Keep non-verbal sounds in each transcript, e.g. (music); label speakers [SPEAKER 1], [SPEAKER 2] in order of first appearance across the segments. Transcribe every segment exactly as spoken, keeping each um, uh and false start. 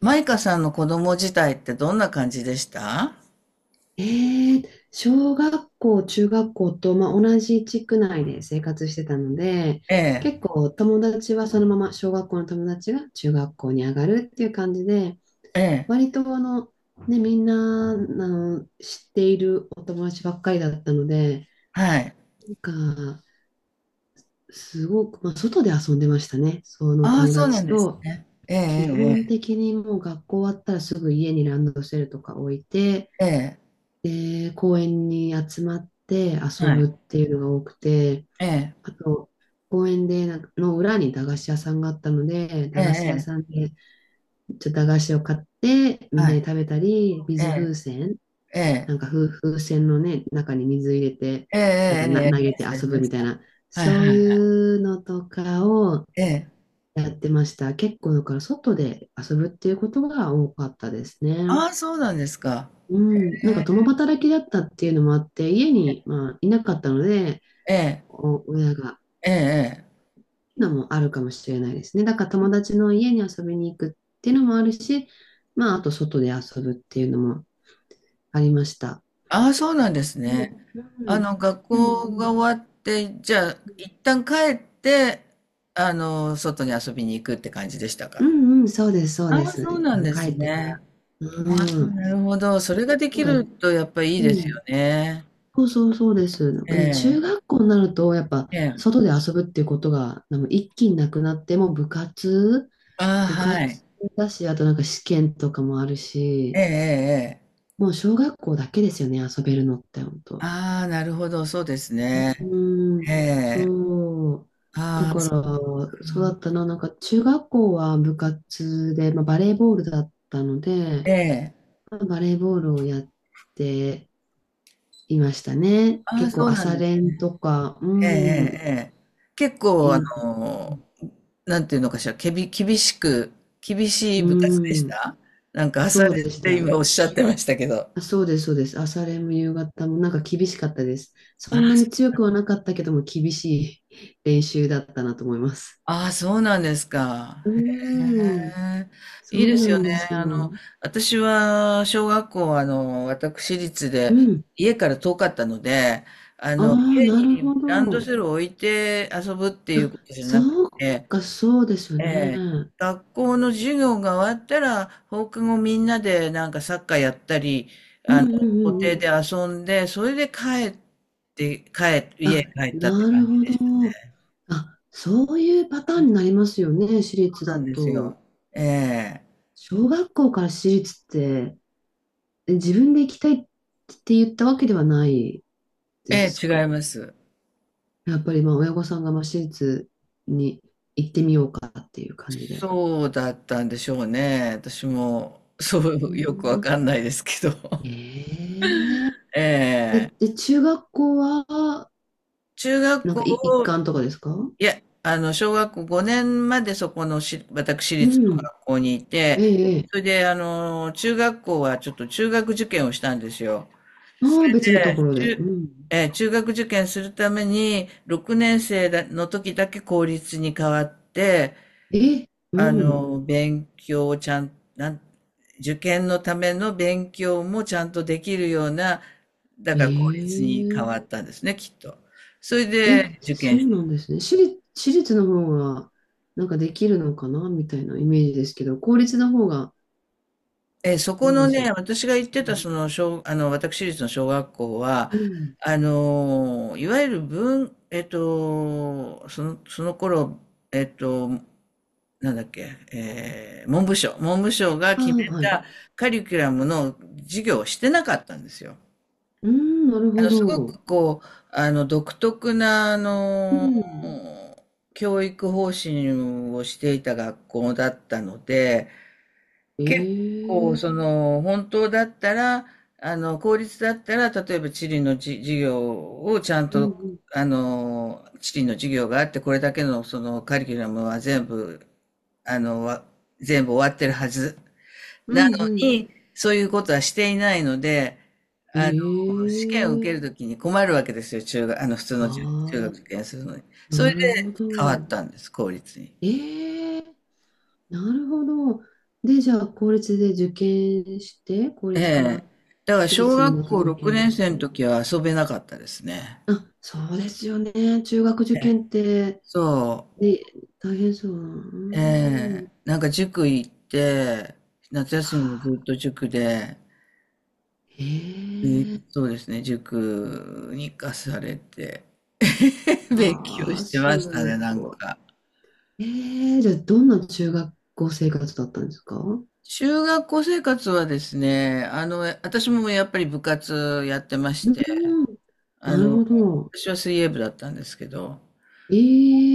[SPEAKER 1] マイカさんの子供自体ってどんな感じでした？
[SPEAKER 2] ええ、小学校、中学校と、まあ、同じ地区内で生活してたので、
[SPEAKER 1] ええ、
[SPEAKER 2] 結構友達はそのまま、小学校の友達が中学校に上がるっていう感じで、
[SPEAKER 1] ええ、
[SPEAKER 2] 割とあの、ね、みんな、あの、知っているお友達ばっかりだったので、
[SPEAKER 1] はい。
[SPEAKER 2] なんか、すごく、まあ、外で遊んでましたね。その
[SPEAKER 1] ああ、
[SPEAKER 2] 友
[SPEAKER 1] そうなん
[SPEAKER 2] 達
[SPEAKER 1] です
[SPEAKER 2] と、
[SPEAKER 1] ね。え
[SPEAKER 2] 基本
[SPEAKER 1] え、
[SPEAKER 2] 的にもう学校終わったらすぐ家にランドセルとか置いて、
[SPEAKER 1] ええ、え
[SPEAKER 2] で、公園に集まって
[SPEAKER 1] え、ええ、
[SPEAKER 2] 遊
[SPEAKER 1] は
[SPEAKER 2] ぶっ
[SPEAKER 1] い。
[SPEAKER 2] ていうのが多くて、
[SPEAKER 1] ええ、
[SPEAKER 2] あと、公園でなんかの裏に駄菓子屋さんがあったので、
[SPEAKER 1] え
[SPEAKER 2] 駄
[SPEAKER 1] え、
[SPEAKER 2] 菓子屋
[SPEAKER 1] え
[SPEAKER 2] さん
[SPEAKER 1] え、
[SPEAKER 2] でちょっと駄菓子を買ってみん
[SPEAKER 1] は
[SPEAKER 2] なで
[SPEAKER 1] い。
[SPEAKER 2] 食べたり、
[SPEAKER 1] え
[SPEAKER 2] 水風
[SPEAKER 1] え、
[SPEAKER 2] 船、
[SPEAKER 1] ええ、
[SPEAKER 2] なんか風、風船のね、中に水入れて、
[SPEAKER 1] ええ、
[SPEAKER 2] なんか
[SPEAKER 1] ええ、え
[SPEAKER 2] な
[SPEAKER 1] え、
[SPEAKER 2] 投
[SPEAKER 1] ありま
[SPEAKER 2] げて
[SPEAKER 1] した、あり
[SPEAKER 2] 遊ぶ
[SPEAKER 1] ま
[SPEAKER 2] み
[SPEAKER 1] し
[SPEAKER 2] たい
[SPEAKER 1] た。
[SPEAKER 2] な、
[SPEAKER 1] はい、
[SPEAKER 2] そう
[SPEAKER 1] はい。
[SPEAKER 2] いうのとかを
[SPEAKER 1] ええ。
[SPEAKER 2] やってました。結構だから外で遊ぶっていうことが多かったですね。
[SPEAKER 1] ああ、そうなんですか。
[SPEAKER 2] うん、なんか
[SPEAKER 1] え
[SPEAKER 2] 共働きだったっていうのもあって、家に、まあ、いなかったので、
[SPEAKER 1] え、ええ、
[SPEAKER 2] お親が、っ
[SPEAKER 1] ええ。
[SPEAKER 2] ていうのもあるかもしれないですね。だから友達の家に遊びに行くっていうのもあるし、まあ、あと外で遊ぶっていうのもありました。
[SPEAKER 1] ああ、そうなんです
[SPEAKER 2] う
[SPEAKER 1] ね。
[SPEAKER 2] ん、う
[SPEAKER 1] あ
[SPEAKER 2] ん、
[SPEAKER 1] の、学
[SPEAKER 2] でも、う
[SPEAKER 1] 校が
[SPEAKER 2] ん、
[SPEAKER 1] 終わって、じゃあ、一旦帰って、あの、外に遊びに行くって感じでした
[SPEAKER 2] う
[SPEAKER 1] か？
[SPEAKER 2] んうん、そうです、そう
[SPEAKER 1] あ
[SPEAKER 2] で
[SPEAKER 1] あ、
[SPEAKER 2] す。
[SPEAKER 1] そう
[SPEAKER 2] 一
[SPEAKER 1] なん
[SPEAKER 2] 旦
[SPEAKER 1] です
[SPEAKER 2] 帰ってから。
[SPEAKER 1] ね。ああ、
[SPEAKER 2] うん、
[SPEAKER 1] なるほど。それがで
[SPEAKER 2] な
[SPEAKER 1] き
[SPEAKER 2] ん
[SPEAKER 1] る
[SPEAKER 2] か、
[SPEAKER 1] とやっぱいい
[SPEAKER 2] う
[SPEAKER 1] です
[SPEAKER 2] ん、
[SPEAKER 1] よね。
[SPEAKER 2] そうそうそうです。なん
[SPEAKER 1] え
[SPEAKER 2] かでも中
[SPEAKER 1] え、
[SPEAKER 2] 学校になると、やっぱ、
[SPEAKER 1] ええ。
[SPEAKER 2] 外で遊ぶっていうことが、なんか一気になくなって、もう部活、
[SPEAKER 1] ああ、
[SPEAKER 2] 部
[SPEAKER 1] はい。
[SPEAKER 2] 活だし、あとなんか試験とかもある
[SPEAKER 1] ええ、
[SPEAKER 2] し、
[SPEAKER 1] ええ、ええ。
[SPEAKER 2] もう小学校だけですよね、遊べるのって、本当。
[SPEAKER 1] ああ、なるほど、そうですね。
[SPEAKER 2] う
[SPEAKER 1] え
[SPEAKER 2] ん、
[SPEAKER 1] え。
[SPEAKER 2] そう。だ
[SPEAKER 1] ああ、
[SPEAKER 2] か
[SPEAKER 1] そ
[SPEAKER 2] ら、
[SPEAKER 1] っか。
[SPEAKER 2] そうだったな、なんか中学校は部活で、まあ、バレーボールだったので、
[SPEAKER 1] ええ。
[SPEAKER 2] まあバレーボールをやっていましたね。
[SPEAKER 1] ああ、
[SPEAKER 2] 結
[SPEAKER 1] そ
[SPEAKER 2] 構
[SPEAKER 1] うなん
[SPEAKER 2] 朝
[SPEAKER 1] です
[SPEAKER 2] 練
[SPEAKER 1] ね。
[SPEAKER 2] とか、
[SPEAKER 1] ええ、え
[SPEAKER 2] うん、
[SPEAKER 1] え、ええ。結構、あ
[SPEAKER 2] いい、
[SPEAKER 1] の、なんていうのかしら、けび、厳しく、厳しい
[SPEAKER 2] う
[SPEAKER 1] 部活でし
[SPEAKER 2] ん、
[SPEAKER 1] た？なんか朝
[SPEAKER 2] そう
[SPEAKER 1] 練
[SPEAKER 2] で
[SPEAKER 1] っ
[SPEAKER 2] し
[SPEAKER 1] て
[SPEAKER 2] た。
[SPEAKER 1] 今おっしゃってましたけど。
[SPEAKER 2] あ、そうです、そうです。朝練も夕方もなんか厳しかったです。
[SPEAKER 1] あ
[SPEAKER 2] そんなに
[SPEAKER 1] あ、
[SPEAKER 2] 強くはなかったけども、厳しい (laughs) 練習だったなと思います。
[SPEAKER 1] ああ、そうなんですか。
[SPEAKER 2] う
[SPEAKER 1] へ
[SPEAKER 2] ーん、
[SPEAKER 1] え。
[SPEAKER 2] そ
[SPEAKER 1] いいで
[SPEAKER 2] う
[SPEAKER 1] す
[SPEAKER 2] な
[SPEAKER 1] よ
[SPEAKER 2] ん
[SPEAKER 1] ね。
[SPEAKER 2] です
[SPEAKER 1] あの、
[SPEAKER 2] よ。
[SPEAKER 1] 私は小学校、あの、私立
[SPEAKER 2] う
[SPEAKER 1] で
[SPEAKER 2] ん。
[SPEAKER 1] 家から遠かったので、あ
[SPEAKER 2] あ
[SPEAKER 1] の、
[SPEAKER 2] あ、
[SPEAKER 1] 家
[SPEAKER 2] なるほ
[SPEAKER 1] にランド
[SPEAKER 2] ど。
[SPEAKER 1] セルを置いて遊ぶっていう
[SPEAKER 2] あ、
[SPEAKER 1] ことじゃなく
[SPEAKER 2] そう
[SPEAKER 1] て、
[SPEAKER 2] か、そうですよ
[SPEAKER 1] え
[SPEAKER 2] ね。
[SPEAKER 1] え、
[SPEAKER 2] うん
[SPEAKER 1] 学校の授業が終わったら放課後みんなでなんかサッカーやったり、
[SPEAKER 2] うんうん
[SPEAKER 1] 校
[SPEAKER 2] う
[SPEAKER 1] 庭
[SPEAKER 2] ん。
[SPEAKER 1] で遊んで、それで帰って、帰、家
[SPEAKER 2] あ、
[SPEAKER 1] に帰ったって
[SPEAKER 2] なる
[SPEAKER 1] 感じ
[SPEAKER 2] ほ
[SPEAKER 1] でした
[SPEAKER 2] ど。
[SPEAKER 1] ね。
[SPEAKER 2] あ、そういうパターンになりますよね、私
[SPEAKER 1] そ
[SPEAKER 2] 立
[SPEAKER 1] うな
[SPEAKER 2] だ
[SPEAKER 1] んですよ。
[SPEAKER 2] と。
[SPEAKER 1] ええ。
[SPEAKER 2] 小学校から私立って、え自分で行きたいって言ったわけではないで
[SPEAKER 1] え
[SPEAKER 2] す
[SPEAKER 1] え、違い
[SPEAKER 2] か？
[SPEAKER 1] ます。
[SPEAKER 2] やっぱりまあ親御さんがまあ私立に行ってみようかっていう感じで。
[SPEAKER 1] そうだったんでしょうね。私も、そ
[SPEAKER 2] う
[SPEAKER 1] う、よくわ
[SPEAKER 2] ん、
[SPEAKER 1] かんないですけど。
[SPEAKER 2] えー、
[SPEAKER 1] (laughs)
[SPEAKER 2] え、
[SPEAKER 1] ええ。
[SPEAKER 2] で、中学校は、
[SPEAKER 1] 中学
[SPEAKER 2] なん
[SPEAKER 1] 校
[SPEAKER 2] かい一
[SPEAKER 1] を、
[SPEAKER 2] 貫とかですか？
[SPEAKER 1] いや、あの、小学校ごねんまでそこのし、私
[SPEAKER 2] う
[SPEAKER 1] 立の
[SPEAKER 2] ん。
[SPEAKER 1] 学校にいて、
[SPEAKER 2] ええ、ええ。
[SPEAKER 1] それで、あの、中学校はちょっと中学受験をしたんですよ。
[SPEAKER 2] ああ、別のところで。う
[SPEAKER 1] 中、
[SPEAKER 2] ん。
[SPEAKER 1] えー中学受験するために、ろくねん生だの時だけ公立に変わって、
[SPEAKER 2] え、う
[SPEAKER 1] あ
[SPEAKER 2] ん。
[SPEAKER 1] の、勉強をちゃん、なん、受験のための勉強もちゃんとできるような、だから公立
[SPEAKER 2] え
[SPEAKER 1] に変わ
[SPEAKER 2] え。
[SPEAKER 1] ったんですね、きっと。それ
[SPEAKER 2] え、
[SPEAKER 1] で受
[SPEAKER 2] そ
[SPEAKER 1] 験
[SPEAKER 2] う
[SPEAKER 1] した。
[SPEAKER 2] なんですね。私立、私立の方が、なんかできるのかなみたいなイメージですけど、公立の方が、
[SPEAKER 1] え、そこ
[SPEAKER 2] なん
[SPEAKER 1] の
[SPEAKER 2] でしょ
[SPEAKER 1] ね、
[SPEAKER 2] う。
[SPEAKER 1] 私が行っ
[SPEAKER 2] う
[SPEAKER 1] てた、
[SPEAKER 2] ん。
[SPEAKER 1] その、小、あの、私立の小学校は、
[SPEAKER 2] うん。
[SPEAKER 1] あの、いわゆる文、えっと、その、その頃、えっと、なんだっけ、えー文部省、文部省が
[SPEAKER 2] あ
[SPEAKER 1] 決
[SPEAKER 2] あ、
[SPEAKER 1] め
[SPEAKER 2] はい。
[SPEAKER 1] たカリキュラムの授業をしてなかったんですよ。
[SPEAKER 2] うん、なる
[SPEAKER 1] あ
[SPEAKER 2] ほ
[SPEAKER 1] の、すご
[SPEAKER 2] ど。
[SPEAKER 1] くこう、あの、独特な、あ
[SPEAKER 2] う
[SPEAKER 1] の、
[SPEAKER 2] ん。
[SPEAKER 1] 教育方針をしていた学校だったので、
[SPEAKER 2] え
[SPEAKER 1] 結構、
[SPEAKER 2] え、
[SPEAKER 1] その、本当だったら、あの、公立だったら、例えば地理のじ授業をちゃん
[SPEAKER 2] うんう
[SPEAKER 1] と、
[SPEAKER 2] ん。
[SPEAKER 1] あの、地理の授業があって、これだけの、その、カリキュラムは全部、あの、わ全部終わってるはず
[SPEAKER 2] う
[SPEAKER 1] な
[SPEAKER 2] ん
[SPEAKER 1] の
[SPEAKER 2] うん。
[SPEAKER 1] に、そういうことはしていないので、あの、試験を受け
[SPEAKER 2] え
[SPEAKER 1] る
[SPEAKER 2] え、
[SPEAKER 1] ときに困るわけですよ、中学、あの、普通の中、中
[SPEAKER 2] ああ、
[SPEAKER 1] 学受験するのに。それ
[SPEAKER 2] な
[SPEAKER 1] で
[SPEAKER 2] るほど。
[SPEAKER 1] 変わったんです、公立に。
[SPEAKER 2] ええ、なるほど。で、じゃあ、公立で受験して、公
[SPEAKER 1] え
[SPEAKER 2] 立か
[SPEAKER 1] え。
[SPEAKER 2] ら
[SPEAKER 1] だから
[SPEAKER 2] 私
[SPEAKER 1] 小
[SPEAKER 2] 立に
[SPEAKER 1] 学
[SPEAKER 2] また
[SPEAKER 1] 校
[SPEAKER 2] 受
[SPEAKER 1] 6
[SPEAKER 2] 験
[SPEAKER 1] 年
[SPEAKER 2] し
[SPEAKER 1] 生の
[SPEAKER 2] て。
[SPEAKER 1] 時は遊べなかったですね。
[SPEAKER 2] あ、そうですよね。中学受験って、
[SPEAKER 1] そ
[SPEAKER 2] ね、大変そう。
[SPEAKER 1] う。え
[SPEAKER 2] う
[SPEAKER 1] え。
[SPEAKER 2] ん。
[SPEAKER 1] なんか塾行って、夏休みもずっと塾で、で
[SPEAKER 2] ええ、
[SPEAKER 1] そうですね、塾に行かされて、(laughs) 勉強
[SPEAKER 2] ああ、
[SPEAKER 1] して
[SPEAKER 2] す
[SPEAKER 1] ましたね、なん
[SPEAKER 2] ごい。
[SPEAKER 1] か。
[SPEAKER 2] ええ、じゃあ、どんな中学校生活だったんですか？
[SPEAKER 1] 中学校生活はですね、あの、私もやっぱり部活やってまし
[SPEAKER 2] う
[SPEAKER 1] て、
[SPEAKER 2] ん、
[SPEAKER 1] あ
[SPEAKER 2] なる
[SPEAKER 1] の、
[SPEAKER 2] ほど。
[SPEAKER 1] 私は水泳部だったんですけど、
[SPEAKER 2] え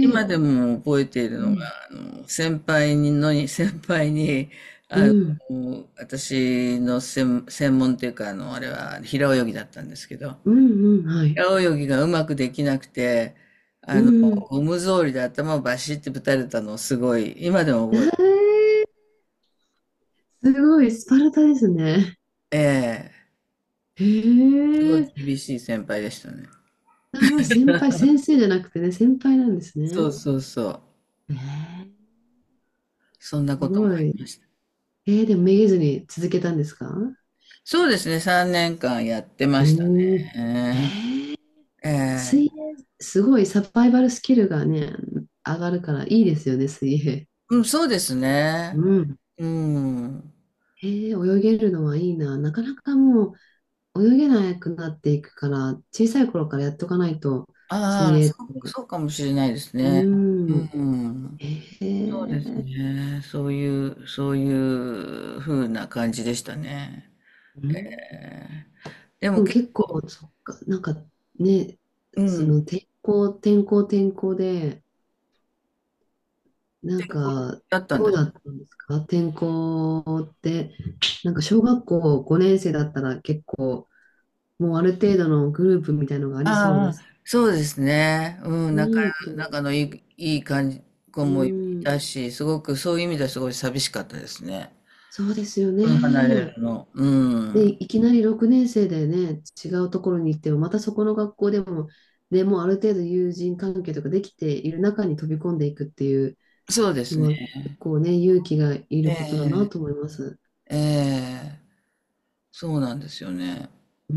[SPEAKER 1] 今でも覚えている
[SPEAKER 2] う
[SPEAKER 1] のが、
[SPEAKER 2] ん。
[SPEAKER 1] あの、先輩にのに、(laughs) 先輩に、
[SPEAKER 2] うん、
[SPEAKER 1] もう私の専、専門っていうか、あの、あれは平泳ぎだったんですけど、
[SPEAKER 2] うん、うん、はい。
[SPEAKER 1] 平泳ぎがうまくできなくて、
[SPEAKER 2] う
[SPEAKER 1] あの、
[SPEAKER 2] ん。
[SPEAKER 1] ゴム草履で頭をバシッてぶたれたのをすごい、今でも覚えて、
[SPEAKER 2] ええ、すごい、スパルタですね。
[SPEAKER 1] ええ、
[SPEAKER 2] え
[SPEAKER 1] すごい
[SPEAKER 2] え、
[SPEAKER 1] 厳しい先輩でしたね。
[SPEAKER 2] あ、先輩、先生じゃなくてね、先輩なんです
[SPEAKER 1] そう
[SPEAKER 2] ね。
[SPEAKER 1] そうそう。
[SPEAKER 2] ええ、
[SPEAKER 1] そんな
[SPEAKER 2] す
[SPEAKER 1] ことも
[SPEAKER 2] ご
[SPEAKER 1] あ
[SPEAKER 2] い。
[SPEAKER 1] りました。
[SPEAKER 2] ええ、でもめげずに続けたんですか？
[SPEAKER 1] そうですね、さんねんかんやってました
[SPEAKER 2] おお、
[SPEAKER 1] ね。
[SPEAKER 2] ええ、
[SPEAKER 1] ええ、
[SPEAKER 2] 水泳、すごいサバイバルスキルがね、上がるからいいですよね、水泳。
[SPEAKER 1] うん、そうですね。
[SPEAKER 2] うん。
[SPEAKER 1] うん。
[SPEAKER 2] ええ、泳げるのはいいな。なかなかもう、泳げなくなっていくから、小さい頃からやっとかないと、水
[SPEAKER 1] ああ、
[SPEAKER 2] 泳っ
[SPEAKER 1] そう、
[SPEAKER 2] て。
[SPEAKER 1] そうかもしれないです
[SPEAKER 2] う
[SPEAKER 1] ね。う
[SPEAKER 2] ん。
[SPEAKER 1] ん。
[SPEAKER 2] へ
[SPEAKER 1] そうです
[SPEAKER 2] え。
[SPEAKER 1] ね。そういう、そういう風な感じでしたね。
[SPEAKER 2] う
[SPEAKER 1] え
[SPEAKER 2] ん。
[SPEAKER 1] え。で
[SPEAKER 2] で
[SPEAKER 1] も
[SPEAKER 2] も
[SPEAKER 1] 結
[SPEAKER 2] 結
[SPEAKER 1] 構、
[SPEAKER 2] 構、そっか、なんかね、
[SPEAKER 1] う
[SPEAKER 2] そ
[SPEAKER 1] ん、
[SPEAKER 2] の天候、天候、天候で、なん
[SPEAKER 1] 健康
[SPEAKER 2] か、
[SPEAKER 1] だったん
[SPEAKER 2] ど
[SPEAKER 1] だ。
[SPEAKER 2] うだったんですか天候って、なんか小学校ご生だったら結構、もうある程度のグループみたいのがありそうで
[SPEAKER 1] ああ、
[SPEAKER 2] す。
[SPEAKER 1] そうですね。うん、仲、
[SPEAKER 2] いいと思いま
[SPEAKER 1] 仲の
[SPEAKER 2] す。
[SPEAKER 1] いい、いい感じ、子
[SPEAKER 2] う
[SPEAKER 1] もい
[SPEAKER 2] ん、
[SPEAKER 1] たし、すごくそういう意味ではすごい寂しかったですね。
[SPEAKER 2] そうですよ
[SPEAKER 1] うん、離れる
[SPEAKER 2] ね。
[SPEAKER 1] の。うん。
[SPEAKER 2] で、いきなりろく生でね、違うところに行っても、またそこの学校でも、ね、もうある程度友人関係とかできている中に飛び込んでいくっていう
[SPEAKER 1] そうです
[SPEAKER 2] のは、
[SPEAKER 1] ね。
[SPEAKER 2] 結構ね、勇気がい
[SPEAKER 1] え
[SPEAKER 2] ることだな
[SPEAKER 1] え、
[SPEAKER 2] と思います。
[SPEAKER 1] ええ、そうなんですよね。
[SPEAKER 2] うー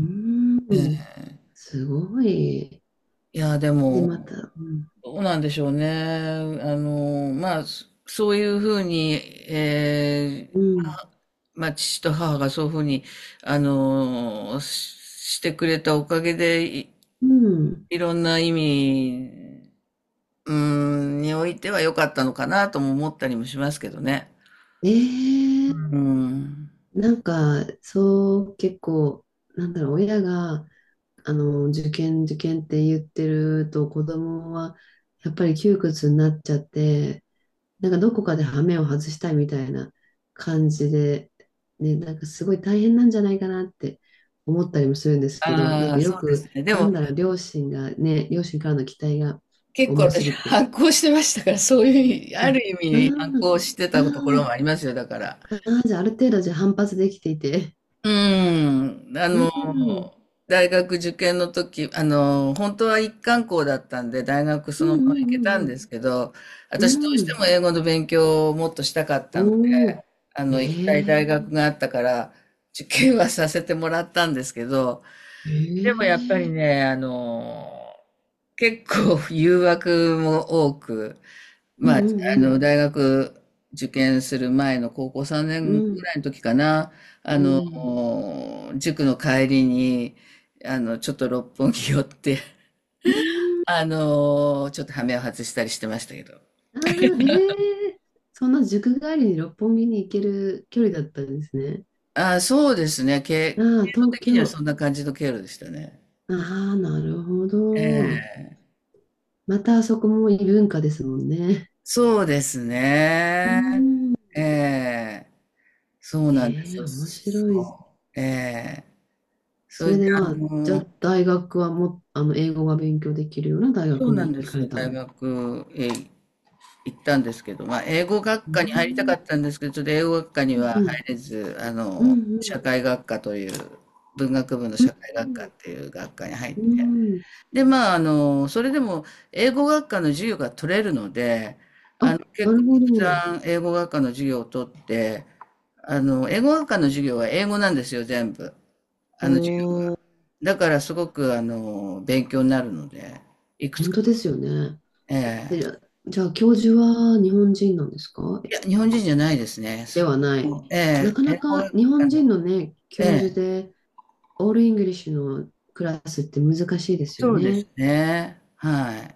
[SPEAKER 1] え
[SPEAKER 2] ん、
[SPEAKER 1] え。
[SPEAKER 2] すごい。
[SPEAKER 1] いや、で
[SPEAKER 2] で、ま
[SPEAKER 1] も、
[SPEAKER 2] た、うん、
[SPEAKER 1] どうなんでしょうね。あの、まあ、そそういうふうに、ええ、
[SPEAKER 2] うん、
[SPEAKER 1] はまあ、父と母がそういうふうに、あの、ししてくれたおかげで、い
[SPEAKER 2] うん。
[SPEAKER 1] いろんな意味、うーん、においては良かったのかなとも思ったりもしますけどね。
[SPEAKER 2] え
[SPEAKER 1] う
[SPEAKER 2] ー、
[SPEAKER 1] ん。
[SPEAKER 2] なんか、そう、結構、なんだろう、親が、あの、受験、受験って言ってると、子供は、やっぱり窮屈になっちゃって、なんかどこかで羽目を外したいみたいな感じで、ね、なんかすごい大変なんじゃないかなって思ったりもするんですけど、なん
[SPEAKER 1] あ
[SPEAKER 2] か
[SPEAKER 1] あ、そ
[SPEAKER 2] よ
[SPEAKER 1] うです
[SPEAKER 2] く、
[SPEAKER 1] ね。で
[SPEAKER 2] なん
[SPEAKER 1] も、
[SPEAKER 2] だろう、両親がね、両親からの期待が
[SPEAKER 1] 結構
[SPEAKER 2] 重す
[SPEAKER 1] 私
[SPEAKER 2] ぎて、
[SPEAKER 1] 反抗してましたから、そういう、
[SPEAKER 2] あ、
[SPEAKER 1] ある意
[SPEAKER 2] あ
[SPEAKER 1] 味反
[SPEAKER 2] ー
[SPEAKER 1] 抗して
[SPEAKER 2] あ
[SPEAKER 1] たところ
[SPEAKER 2] ー、
[SPEAKER 1] もありますよ、だから。
[SPEAKER 2] あーじゃあある程度じゃあ反発できていて、
[SPEAKER 1] うん、あ
[SPEAKER 2] (laughs) うん、
[SPEAKER 1] の、
[SPEAKER 2] うん
[SPEAKER 1] 大学受験の時、あの、本当は一貫校だったんで、大学
[SPEAKER 2] う
[SPEAKER 1] そのまま行けたんで
[SPEAKER 2] ん
[SPEAKER 1] すけど、
[SPEAKER 2] うん
[SPEAKER 1] 私ど
[SPEAKER 2] う
[SPEAKER 1] う
[SPEAKER 2] ん、う
[SPEAKER 1] して
[SPEAKER 2] ん、
[SPEAKER 1] も英語の勉強をもっとしたかったので、
[SPEAKER 2] おお、
[SPEAKER 1] あ
[SPEAKER 2] え
[SPEAKER 1] の、行きたい大
[SPEAKER 2] ー、
[SPEAKER 1] 学があったから、受験はさせてもらったんですけど、でもやっぱり
[SPEAKER 2] ええ、
[SPEAKER 1] ね、あの、結構誘惑も多く、
[SPEAKER 2] うん
[SPEAKER 1] まあ、あ
[SPEAKER 2] う
[SPEAKER 1] の、
[SPEAKER 2] ん
[SPEAKER 1] 大学受験する前の高校3
[SPEAKER 2] う
[SPEAKER 1] 年ぐ
[SPEAKER 2] ん、
[SPEAKER 1] らいの時かな、
[SPEAKER 2] う
[SPEAKER 1] あ
[SPEAKER 2] ん、うん、
[SPEAKER 1] の、塾の帰りに、あの、ちょっと六本木寄って、(laughs)
[SPEAKER 2] うん。
[SPEAKER 1] あの、ちょっと羽目を外したりしてましたけど。
[SPEAKER 2] ああ、ええ、そんな塾帰りに六本木に行ける距離だったんですね。
[SPEAKER 1] ああ、そうですね。経、
[SPEAKER 2] あ
[SPEAKER 1] 経
[SPEAKER 2] あ、
[SPEAKER 1] 路
[SPEAKER 2] 東
[SPEAKER 1] 的には
[SPEAKER 2] 京。
[SPEAKER 1] そんな感じの経路でしたね。
[SPEAKER 2] ああ、なるほ
[SPEAKER 1] え
[SPEAKER 2] ど。
[SPEAKER 1] え。
[SPEAKER 2] またあそこも異文化ですもんね。
[SPEAKER 1] そうです
[SPEAKER 2] う
[SPEAKER 1] ね。
[SPEAKER 2] ん。
[SPEAKER 1] ええ。そうなんです
[SPEAKER 2] ええ、
[SPEAKER 1] よ。
[SPEAKER 2] 面白い。
[SPEAKER 1] そう。ええ。そ
[SPEAKER 2] それ
[SPEAKER 1] れで、
[SPEAKER 2] で
[SPEAKER 1] あ
[SPEAKER 2] まあ、じゃ
[SPEAKER 1] の、
[SPEAKER 2] あ大学はも、あの、英語が勉強できるような大
[SPEAKER 1] そ
[SPEAKER 2] 学
[SPEAKER 1] うなん
[SPEAKER 2] に
[SPEAKER 1] で
[SPEAKER 2] 行かれ
[SPEAKER 1] す。
[SPEAKER 2] たん
[SPEAKER 1] 大
[SPEAKER 2] です。
[SPEAKER 1] 学へ行ったんですけど、まあ、英語学
[SPEAKER 2] う
[SPEAKER 1] 科に入りた
[SPEAKER 2] ん。
[SPEAKER 1] かったんですけど、ちょっと英語学科に
[SPEAKER 2] うん
[SPEAKER 1] は
[SPEAKER 2] う
[SPEAKER 1] 入
[SPEAKER 2] ん。
[SPEAKER 1] れず、あ
[SPEAKER 2] う
[SPEAKER 1] の、
[SPEAKER 2] んう
[SPEAKER 1] 社
[SPEAKER 2] ん。
[SPEAKER 1] 会学科という、文学部の社会学科っていう学科に入っ
[SPEAKER 2] う
[SPEAKER 1] て、
[SPEAKER 2] んうん。
[SPEAKER 1] で、まあ、あの、それでも英語学科の授業が取れるので、
[SPEAKER 2] あ、
[SPEAKER 1] あの、
[SPEAKER 2] な
[SPEAKER 1] 結構
[SPEAKER 2] るほ
[SPEAKER 1] たく
[SPEAKER 2] ど。
[SPEAKER 1] さん英語学科の授業を取って、あの、英語学科の授業は英語なんですよ、全部。あの授業が。
[SPEAKER 2] おー、
[SPEAKER 1] だからすごく、あの、勉強になるので、いくつ
[SPEAKER 2] 本
[SPEAKER 1] か
[SPEAKER 2] 当
[SPEAKER 1] と。
[SPEAKER 2] ですよね。
[SPEAKER 1] ええ、
[SPEAKER 2] で、じゃあ、教授は日本人なんですか？
[SPEAKER 1] いや、日本人じゃないですね。
[SPEAKER 2] ではない。
[SPEAKER 1] え
[SPEAKER 2] な
[SPEAKER 1] え、
[SPEAKER 2] か
[SPEAKER 1] 英
[SPEAKER 2] な
[SPEAKER 1] 語あ
[SPEAKER 2] か日本人
[SPEAKER 1] の
[SPEAKER 2] のね、
[SPEAKER 1] え
[SPEAKER 2] 教授
[SPEAKER 1] え、
[SPEAKER 2] で、オールイングリッシュのクラスって難しいですよ
[SPEAKER 1] そうです
[SPEAKER 2] ね。
[SPEAKER 1] ね、はい。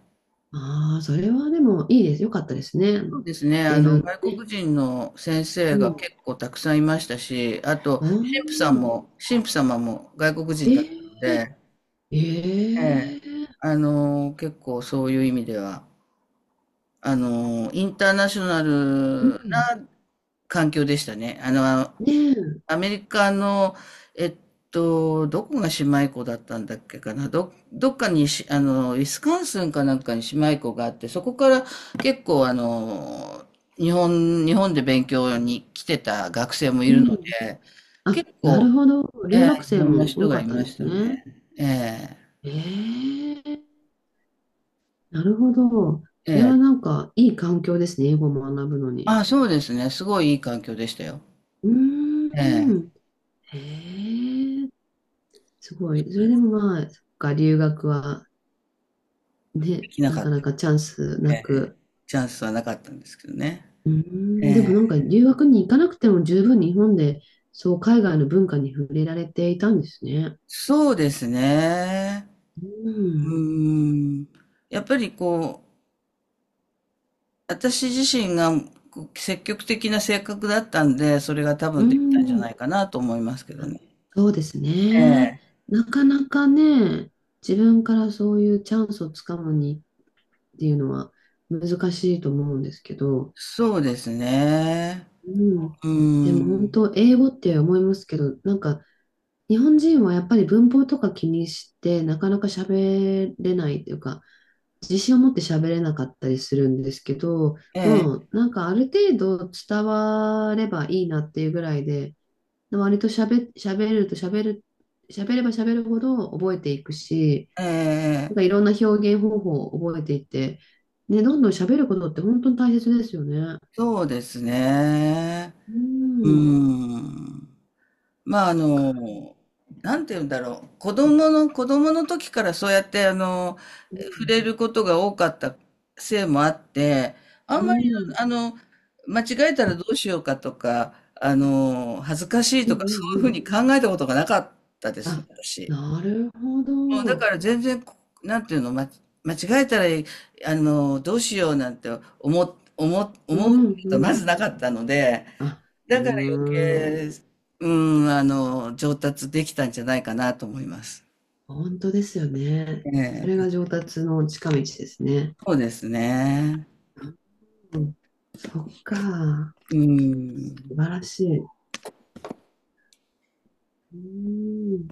[SPEAKER 2] ああ、それはでもいいです。よかったですね。あ
[SPEAKER 1] そう
[SPEAKER 2] の、
[SPEAKER 1] ですね、あ
[SPEAKER 2] 英
[SPEAKER 1] の、
[SPEAKER 2] 文の
[SPEAKER 1] 外
[SPEAKER 2] ね。
[SPEAKER 1] 国人の先生
[SPEAKER 2] う
[SPEAKER 1] が
[SPEAKER 2] ん。
[SPEAKER 1] 結構たくさんいましたし、あと、
[SPEAKER 2] ああ、
[SPEAKER 1] 神父さんも、神父様も外国
[SPEAKER 2] え
[SPEAKER 1] 人だったの
[SPEAKER 2] ー、
[SPEAKER 1] で、
[SPEAKER 2] え
[SPEAKER 1] ええ、
[SPEAKER 2] ー、
[SPEAKER 1] あの、結構そういう意味では、あの、インターナショナ
[SPEAKER 2] う
[SPEAKER 1] ル
[SPEAKER 2] ん。
[SPEAKER 1] な環境でしたね。あの、
[SPEAKER 2] ねえ、
[SPEAKER 1] アメリカの、えっと、どこが姉妹校だったんだっけかな。ど、どっかにし、あの、ウィスカンスンかなんかに姉妹校があって、そこから結構あの、日本、日本で勉強に来てた学生もい
[SPEAKER 2] う
[SPEAKER 1] るの
[SPEAKER 2] ん。
[SPEAKER 1] で、
[SPEAKER 2] あ、
[SPEAKER 1] 結
[SPEAKER 2] な
[SPEAKER 1] 構、
[SPEAKER 2] るほど。
[SPEAKER 1] え
[SPEAKER 2] 留学
[SPEAKER 1] え、い
[SPEAKER 2] 生
[SPEAKER 1] ろんな
[SPEAKER 2] も
[SPEAKER 1] 人
[SPEAKER 2] 多
[SPEAKER 1] が
[SPEAKER 2] か
[SPEAKER 1] い
[SPEAKER 2] った
[SPEAKER 1] ま
[SPEAKER 2] んで
[SPEAKER 1] し
[SPEAKER 2] す
[SPEAKER 1] た
[SPEAKER 2] ね。
[SPEAKER 1] ね。え
[SPEAKER 2] ええ、なるほど。
[SPEAKER 1] え、
[SPEAKER 2] それ
[SPEAKER 1] え
[SPEAKER 2] はな
[SPEAKER 1] え。
[SPEAKER 2] んかいい環境ですね、英語を学ぶのに。
[SPEAKER 1] あ、そうですね。すごいいい環境でしたよ。
[SPEAKER 2] う
[SPEAKER 1] え
[SPEAKER 2] ー
[SPEAKER 1] え。
[SPEAKER 2] ん。へえ、すごい。それでもまあ、そっか、留学は
[SPEAKER 1] で
[SPEAKER 2] ね、
[SPEAKER 1] きな
[SPEAKER 2] な
[SPEAKER 1] かっ
[SPEAKER 2] か
[SPEAKER 1] た。
[SPEAKER 2] なかチャンスな
[SPEAKER 1] ええ。
[SPEAKER 2] く。
[SPEAKER 1] チャンスはなかったんですけどね。
[SPEAKER 2] うー
[SPEAKER 1] え
[SPEAKER 2] ん、で
[SPEAKER 1] え。
[SPEAKER 2] もなんか留学に行かなくても十分日本で、そう海外の文化に触れられていたんですね。
[SPEAKER 1] そうですね。
[SPEAKER 2] う
[SPEAKER 1] う
[SPEAKER 2] ん、
[SPEAKER 1] ーん。やっぱりこう、私自身がこう積極的な性格だったんで、それが多
[SPEAKER 2] う
[SPEAKER 1] 分できたんじゃ
[SPEAKER 2] ん、
[SPEAKER 1] ないかなと思いますけど
[SPEAKER 2] あ、
[SPEAKER 1] ね。
[SPEAKER 2] そうです
[SPEAKER 1] え
[SPEAKER 2] ね。
[SPEAKER 1] え。
[SPEAKER 2] なかなかね、自分からそういうチャンスをつかむにっていうのは難しいと思うんですけど、
[SPEAKER 1] そうですね。
[SPEAKER 2] うん、
[SPEAKER 1] う
[SPEAKER 2] で
[SPEAKER 1] ー
[SPEAKER 2] も本
[SPEAKER 1] ん。
[SPEAKER 2] 当、英語って思いますけど、なんか、日本人はやっぱり文法とか気にして、なかなか喋れないというか、自信を持って喋れなかったりするんですけど、
[SPEAKER 1] え
[SPEAKER 2] も
[SPEAKER 1] え、
[SPEAKER 2] うなんかある程度伝わればいいなっていうぐらいで、割と喋、喋ると喋る、喋れば喋るほど覚えていくし、
[SPEAKER 1] え
[SPEAKER 2] な
[SPEAKER 1] え、
[SPEAKER 2] んかいろんな表現方法を覚えていって、ね、どんどん喋ることって本当に大切ですよね。
[SPEAKER 1] そうですね。
[SPEAKER 2] う
[SPEAKER 1] う
[SPEAKER 2] ん。
[SPEAKER 1] ーん。まあ、あ
[SPEAKER 2] か
[SPEAKER 1] の、なんて言うんだろう。子供の、子供の時からそうやって、あの、
[SPEAKER 2] う
[SPEAKER 1] 触
[SPEAKER 2] ん。
[SPEAKER 1] れることが多かったせいもあって、あ
[SPEAKER 2] う
[SPEAKER 1] んまり、
[SPEAKER 2] ん。
[SPEAKER 1] あの、間違えたらどうしようかとか、あの、恥ずかしい
[SPEAKER 2] うん。
[SPEAKER 1] とか、
[SPEAKER 2] う
[SPEAKER 1] そ
[SPEAKER 2] ん。
[SPEAKER 1] うい
[SPEAKER 2] う
[SPEAKER 1] うふう
[SPEAKER 2] ん、
[SPEAKER 1] に考えたことがなかったですね、
[SPEAKER 2] あ、
[SPEAKER 1] 私。
[SPEAKER 2] なるほ
[SPEAKER 1] もうだか
[SPEAKER 2] ど。
[SPEAKER 1] ら全然、こなんていうの、ま、間違えたら、あの、どうしようなんて思っ、思っ、
[SPEAKER 2] う
[SPEAKER 1] 思うこ
[SPEAKER 2] ん
[SPEAKER 1] とが
[SPEAKER 2] う
[SPEAKER 1] まず
[SPEAKER 2] ん。
[SPEAKER 1] なかったので、
[SPEAKER 2] あ、
[SPEAKER 1] だ
[SPEAKER 2] うー
[SPEAKER 1] から余
[SPEAKER 2] ん。
[SPEAKER 1] 計、うん、あの、上達できたんじゃないかなと思います。
[SPEAKER 2] 本当ですよね。そ
[SPEAKER 1] え
[SPEAKER 2] れが
[SPEAKER 1] え、
[SPEAKER 2] 上達の近道ですね。
[SPEAKER 1] そうですね。
[SPEAKER 2] うん、そっか。
[SPEAKER 1] うん。
[SPEAKER 2] 素晴らしい。うーん。